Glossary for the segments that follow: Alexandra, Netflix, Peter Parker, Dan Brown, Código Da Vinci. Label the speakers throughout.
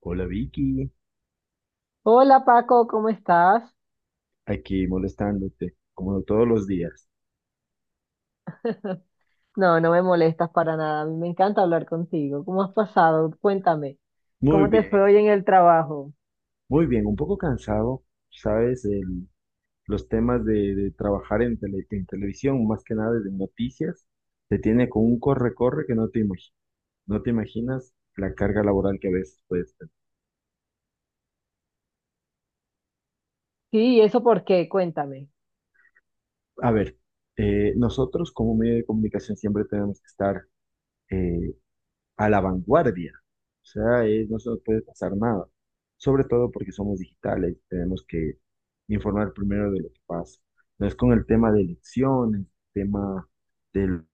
Speaker 1: Hola Vicky,
Speaker 2: Hola Paco, ¿cómo estás?
Speaker 1: aquí molestándote, como todos los días.
Speaker 2: No, no me molestas para nada. A mí me encanta hablar contigo. ¿Cómo has pasado? Cuéntame.
Speaker 1: Muy
Speaker 2: ¿Cómo te fue
Speaker 1: bien,
Speaker 2: hoy en el trabajo?
Speaker 1: muy bien, un poco cansado, sabes, los temas de trabajar en, en televisión, más que nada de noticias, te tiene con un corre-corre que no no te imaginas la carga laboral que a veces puedes tener.
Speaker 2: Sí, ¿y eso por qué? Cuéntame.
Speaker 1: A ver, nosotros como medio de comunicación siempre tenemos que estar eh, a la vanguardia. O sea, no se nos puede pasar nada. Sobre todo porque somos digitales, tenemos que informar primero de lo que pasa. No es con el tema de elecciones, tema del-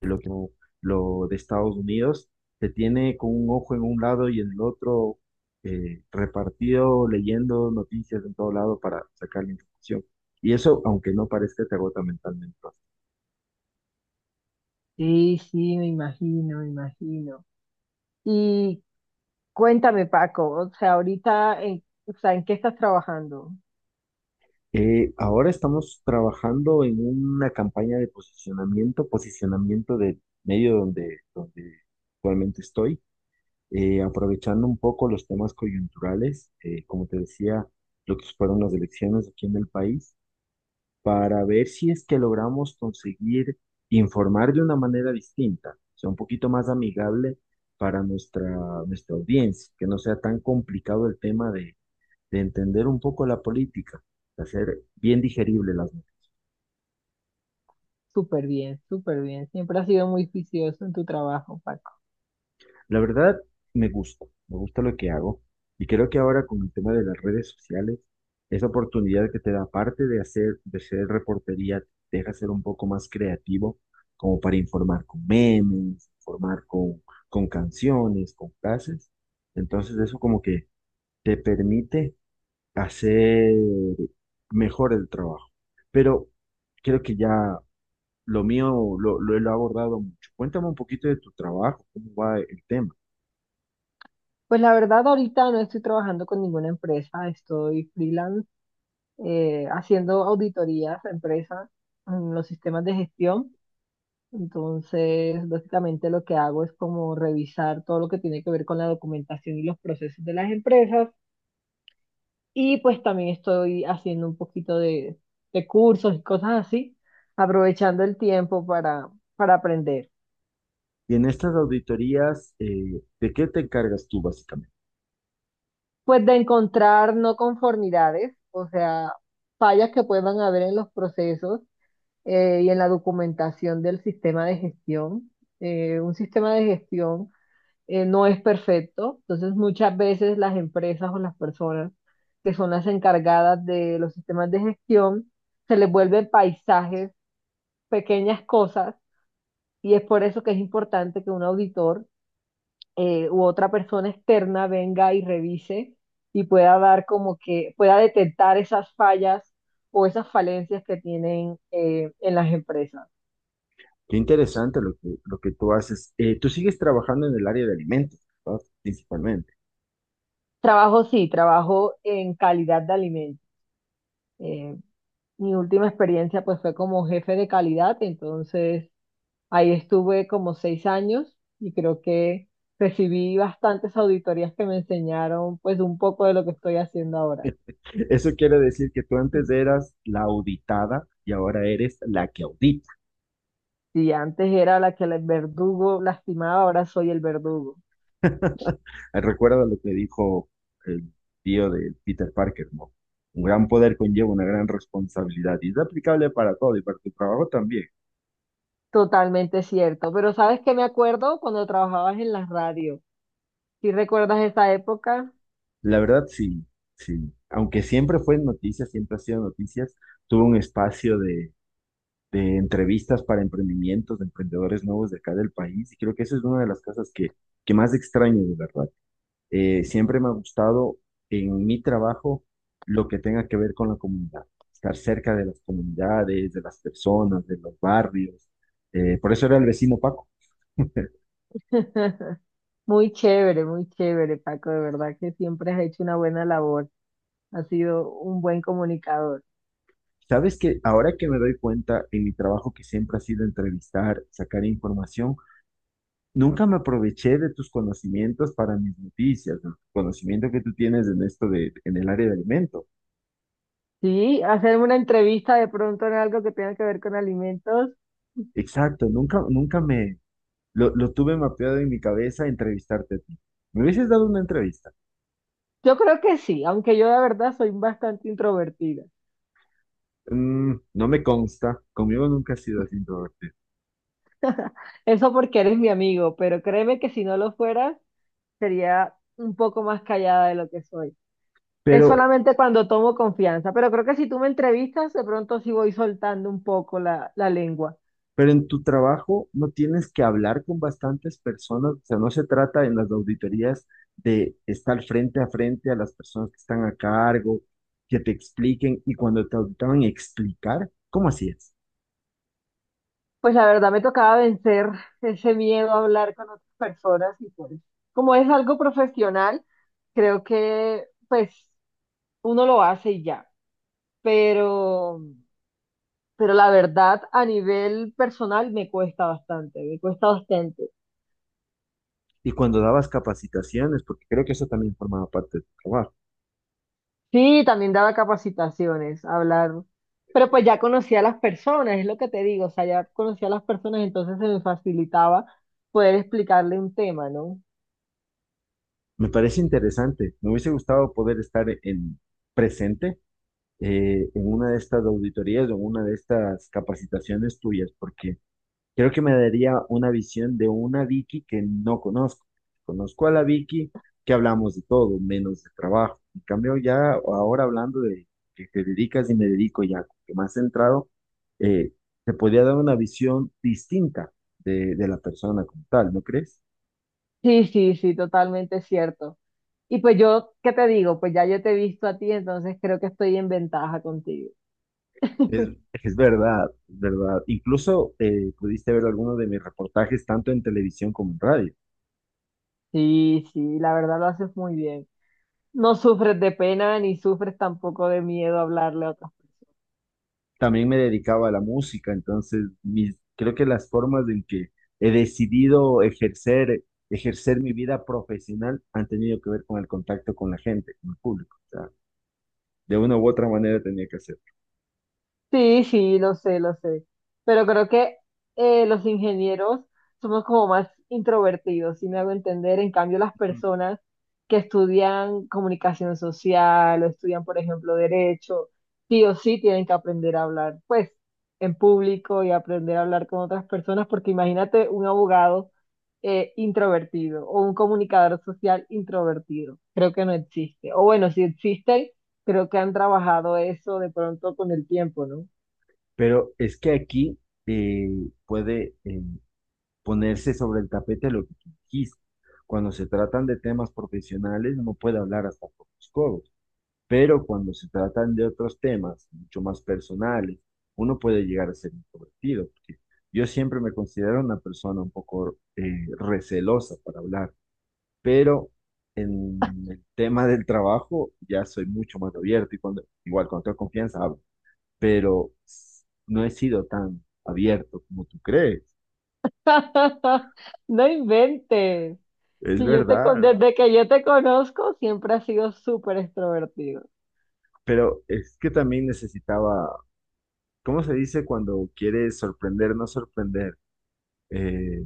Speaker 1: de lo que lo de Estados Unidos, se tiene con un ojo en un lado y en el otro, repartido, leyendo noticias en todo lado para sacar la información. Y eso, aunque no parezca, te agota mentalmente.
Speaker 2: Sí, sí, me imagino, me imagino. Y cuéntame, Paco, o sea, ahorita, o sea, ¿en qué estás trabajando?
Speaker 1: Ahora estamos trabajando en una campaña de posicionamiento, posicionamiento del medio donde actualmente estoy, aprovechando un poco los temas coyunturales, como te decía, lo que fueron las elecciones aquí en el país, para ver si es que logramos conseguir informar de una manera distinta, o sea, un poquito más amigable para nuestra audiencia, que no sea tan complicado el tema de entender un poco la política, de hacer bien digerible las noticias.
Speaker 2: Súper bien, súper bien. Siempre has sido muy juicioso en tu trabajo, Paco.
Speaker 1: La verdad, me gusta lo que hago y creo que ahora con el tema de las redes sociales, esa oportunidad que te da, aparte de hacer, de ser reportería, te deja ser un poco más creativo, como para informar con memes, informar con canciones, con frases. Entonces eso como que te permite hacer mejor el trabajo. Pero creo que ya lo mío lo he abordado mucho. Cuéntame un poquito de tu trabajo, cómo va el tema.
Speaker 2: Pues la verdad, ahorita no estoy trabajando con ninguna empresa, estoy freelance haciendo auditorías a empresas en los sistemas de gestión. Entonces, básicamente lo que hago es como revisar todo lo que tiene que ver con la documentación y los procesos de las empresas. Y pues también estoy haciendo un poquito de cursos y cosas así, aprovechando el tiempo para aprender.
Speaker 1: Y en estas auditorías, ¿de qué te encargas tú básicamente?
Speaker 2: Pues de encontrar no conformidades, o sea, fallas que puedan haber en los procesos y en la documentación del sistema de gestión. Un sistema de gestión no es perfecto, entonces muchas veces las empresas o las personas que son las encargadas de los sistemas de gestión se les vuelven paisajes, pequeñas cosas, y es por eso que es importante que un auditor u otra persona externa venga y revise y pueda dar como que pueda detectar esas fallas o esas falencias que tienen en las empresas.
Speaker 1: Qué interesante lo que tú haces. Tú sigues trabajando en el área de alimentos, ¿verdad? Principalmente.
Speaker 2: Trabajo sí, trabajo en calidad de alimentos. Eh, Mi última experiencia pues fue como jefe de calidad, entonces ahí estuve como 6 años y creo que recibí bastantes auditorías que me enseñaron pues un poco de lo que estoy haciendo ahora.
Speaker 1: Eso quiere decir que tú antes eras la auditada y ahora eres la que audita.
Speaker 2: Si antes era la que el verdugo lastimaba, ahora soy el verdugo.
Speaker 1: Recuerda lo que dijo el tío de Peter Parker, ¿no? Un gran poder conlleva una gran responsabilidad y es aplicable para todo y para tu trabajo también.
Speaker 2: Totalmente cierto, pero ¿sabes qué me acuerdo cuando trabajabas en la radio? ¿Sí recuerdas esa época?
Speaker 1: La verdad, sí, sí. Aunque siempre fue noticias, siempre ha sido noticias, tuvo un espacio de entrevistas para emprendimientos, de emprendedores nuevos de acá del país, y creo que eso es una de las cosas que más extraño, de verdad. Siempre me ha gustado en mi trabajo lo que tenga que ver con la comunidad, estar cerca de las comunidades, de las personas, de los barrios. Por eso era el vecino Paco.
Speaker 2: Muy chévere, Paco. De verdad que siempre has hecho una buena labor. Has sido un buen comunicador.
Speaker 1: Sabes que ahora que me doy cuenta en mi trabajo que siempre ha sido entrevistar, sacar información, nunca me aproveché de tus conocimientos para mis noticias, ¿no? Conocimiento que tú tienes en esto de, en el área de alimento.
Speaker 2: Sí, hacerme una entrevista de pronto en algo que tenga que ver con alimentos.
Speaker 1: Exacto, nunca, lo tuve mapeado en mi cabeza entrevistarte a ti. Me hubieses dado una entrevista.
Speaker 2: Yo creo que sí, aunque yo de verdad soy bastante introvertida.
Speaker 1: Mm, no me consta, conmigo nunca has sido así introvertido.
Speaker 2: Eso porque eres mi amigo, pero créeme que si no lo fueras, sería un poco más callada de lo que soy. Es
Speaker 1: Pero
Speaker 2: solamente cuando tomo confianza, pero creo que si tú me entrevistas, de pronto sí voy soltando un poco la lengua.
Speaker 1: Pero en tu trabajo no tienes que hablar con bastantes personas, o sea, no se trata en las auditorías de estar frente a frente a las personas que están a cargo, que te expliquen y cuando te auditaban explicar, ¿cómo hacías?
Speaker 2: Pues la verdad me tocaba vencer ese miedo a hablar con otras personas y pues como es algo profesional, creo que pues uno lo hace y ya, pero pero la verdad a nivel personal me cuesta bastante, me cuesta bastante.
Speaker 1: Y cuando dabas capacitaciones, porque creo que eso también formaba parte de tu trabajo.
Speaker 2: Sí, también daba capacitaciones, hablar, pero pues ya conocía a las personas, es lo que te digo, o sea, ya conocía a las personas, entonces se me facilitaba poder explicarle un tema, ¿no?
Speaker 1: Me parece interesante, me hubiese gustado poder estar en presente, en una de estas auditorías o en una de estas capacitaciones tuyas, porque creo que me daría una visión de una Vicky que no conozco. Conozco a la Vicky que hablamos de todo, menos de trabajo. En cambio, ya ahora hablando de que te dedicas y me dedico ya, que más centrado, eh, te podría dar una visión distinta de la persona como tal, ¿no crees?
Speaker 2: Sí, sí, sí, totalmente cierto. Y pues yo, ¿qué te digo? Pues ya yo te he visto a ti, entonces creo que estoy en ventaja contigo.
Speaker 1: Es, es verdad, es verdad. Incluso pudiste ver algunos de mis reportajes tanto en televisión como en radio.
Speaker 2: Sí, sí, la verdad lo haces muy bien. No sufres de pena ni sufres tampoco de miedo a hablarle a otras personas.
Speaker 1: También me dedicaba a la música, entonces mis, creo que las formas en que he decidido ejercer, ejercer mi vida profesional han tenido que ver con el contacto con la gente, con el público. O sea, de una u otra manera tenía que hacer.
Speaker 2: Sí, sí, lo sé, lo sé. Pero creo que los ingenieros somos como más introvertidos, si me hago entender. En cambio, las
Speaker 1: Ujú.
Speaker 2: personas que estudian comunicación social o estudian, por ejemplo, derecho, sí o sí tienen que aprender a hablar, pues, en público y aprender a hablar con otras personas, porque imagínate un abogado introvertido o un comunicador social introvertido. Creo que no existe. O bueno, si existen, creo que han trabajado eso de pronto con el tiempo, ¿no?
Speaker 1: Pero es que aquí eh, puede ponerse sobre el tapete lo que tú dijiste. Cuando se tratan de temas profesionales, uno puede hablar hasta por los codos. Pero cuando se tratan de otros temas mucho más personales, uno puede llegar a ser introvertido, porque yo siempre me considero una persona un poco recelosa para hablar, pero en el tema del trabajo ya soy mucho más abierto y cuando, igual con toda confianza hablo, pero no he sido tan abierto como tú crees,
Speaker 2: No inventes.
Speaker 1: es
Speaker 2: Si yo te con-
Speaker 1: verdad,
Speaker 2: Desde que yo te conozco, siempre has sido súper extrovertido.
Speaker 1: pero es que también necesitaba, ¿cómo se dice cuando quieres sorprender, no sorprender? Eh,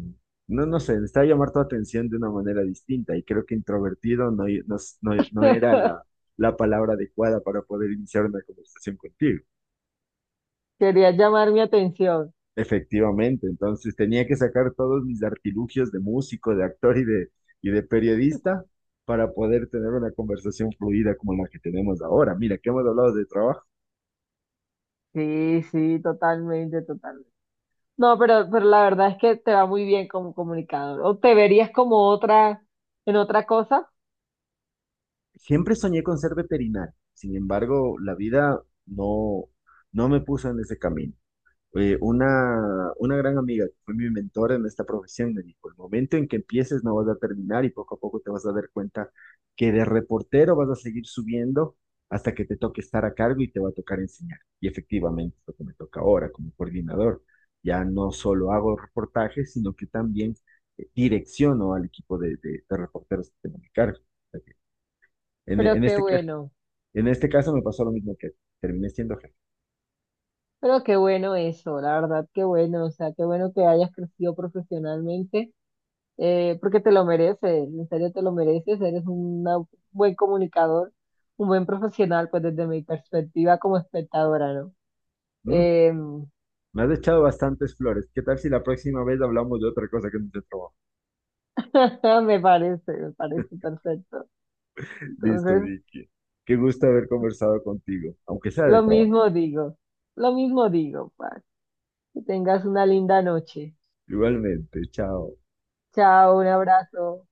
Speaker 1: no, no sé, necesitaba llamar tu atención de una manera distinta y creo que introvertido no, no, no era la palabra adecuada para poder iniciar una conversación contigo.
Speaker 2: Querías llamar mi atención.
Speaker 1: Efectivamente, entonces tenía que sacar todos mis artilugios de músico, de actor y de periodista para poder tener una conversación fluida como la que tenemos ahora. Mira, que hemos hablado de trabajo.
Speaker 2: Sí, sí, totalmente, totalmente. No, pero la verdad es que te va muy bien como comunicador. O te verías como otra, en otra cosa,
Speaker 1: Siempre soñé con ser veterinario, sin embargo, la vida no, no me puso en ese camino. Eh, una gran amiga que fue mi mentora en esta profesión me dijo, el momento en que empieces no vas a terminar y poco a poco te vas a dar cuenta que de reportero vas a seguir subiendo hasta que te toque estar a cargo y te va a tocar enseñar. Y efectivamente es lo que me toca ahora como coordinador. Ya no solo hago reportajes, sino que también direcciono al equipo de reporteros que tengo a mi cargo. O sea que En, en
Speaker 2: pero qué
Speaker 1: este, ca-
Speaker 2: bueno.
Speaker 1: en este caso me pasó lo mismo que terminé siendo jefe.
Speaker 2: Pero qué bueno eso, la verdad, qué bueno. O sea, qué bueno que hayas crecido profesionalmente porque te lo mereces, en serio te lo mereces, un buen comunicador, un buen profesional, pues desde mi perspectiva como espectadora, ¿no? Em,
Speaker 1: Me has echado bastantes flores. ¿Qué tal si la próxima vez hablamos de otra cosa que no sea trabajo?
Speaker 2: me parece perfecto.
Speaker 1: Listo,
Speaker 2: Entonces,
Speaker 1: Vicky. Qué gusto haber conversado contigo, aunque sea de
Speaker 2: lo
Speaker 1: trabajo.
Speaker 2: mismo digo, lo mismo digo, Paz. Que tengas una linda noche.
Speaker 1: Igualmente, chao.
Speaker 2: Chao, un abrazo.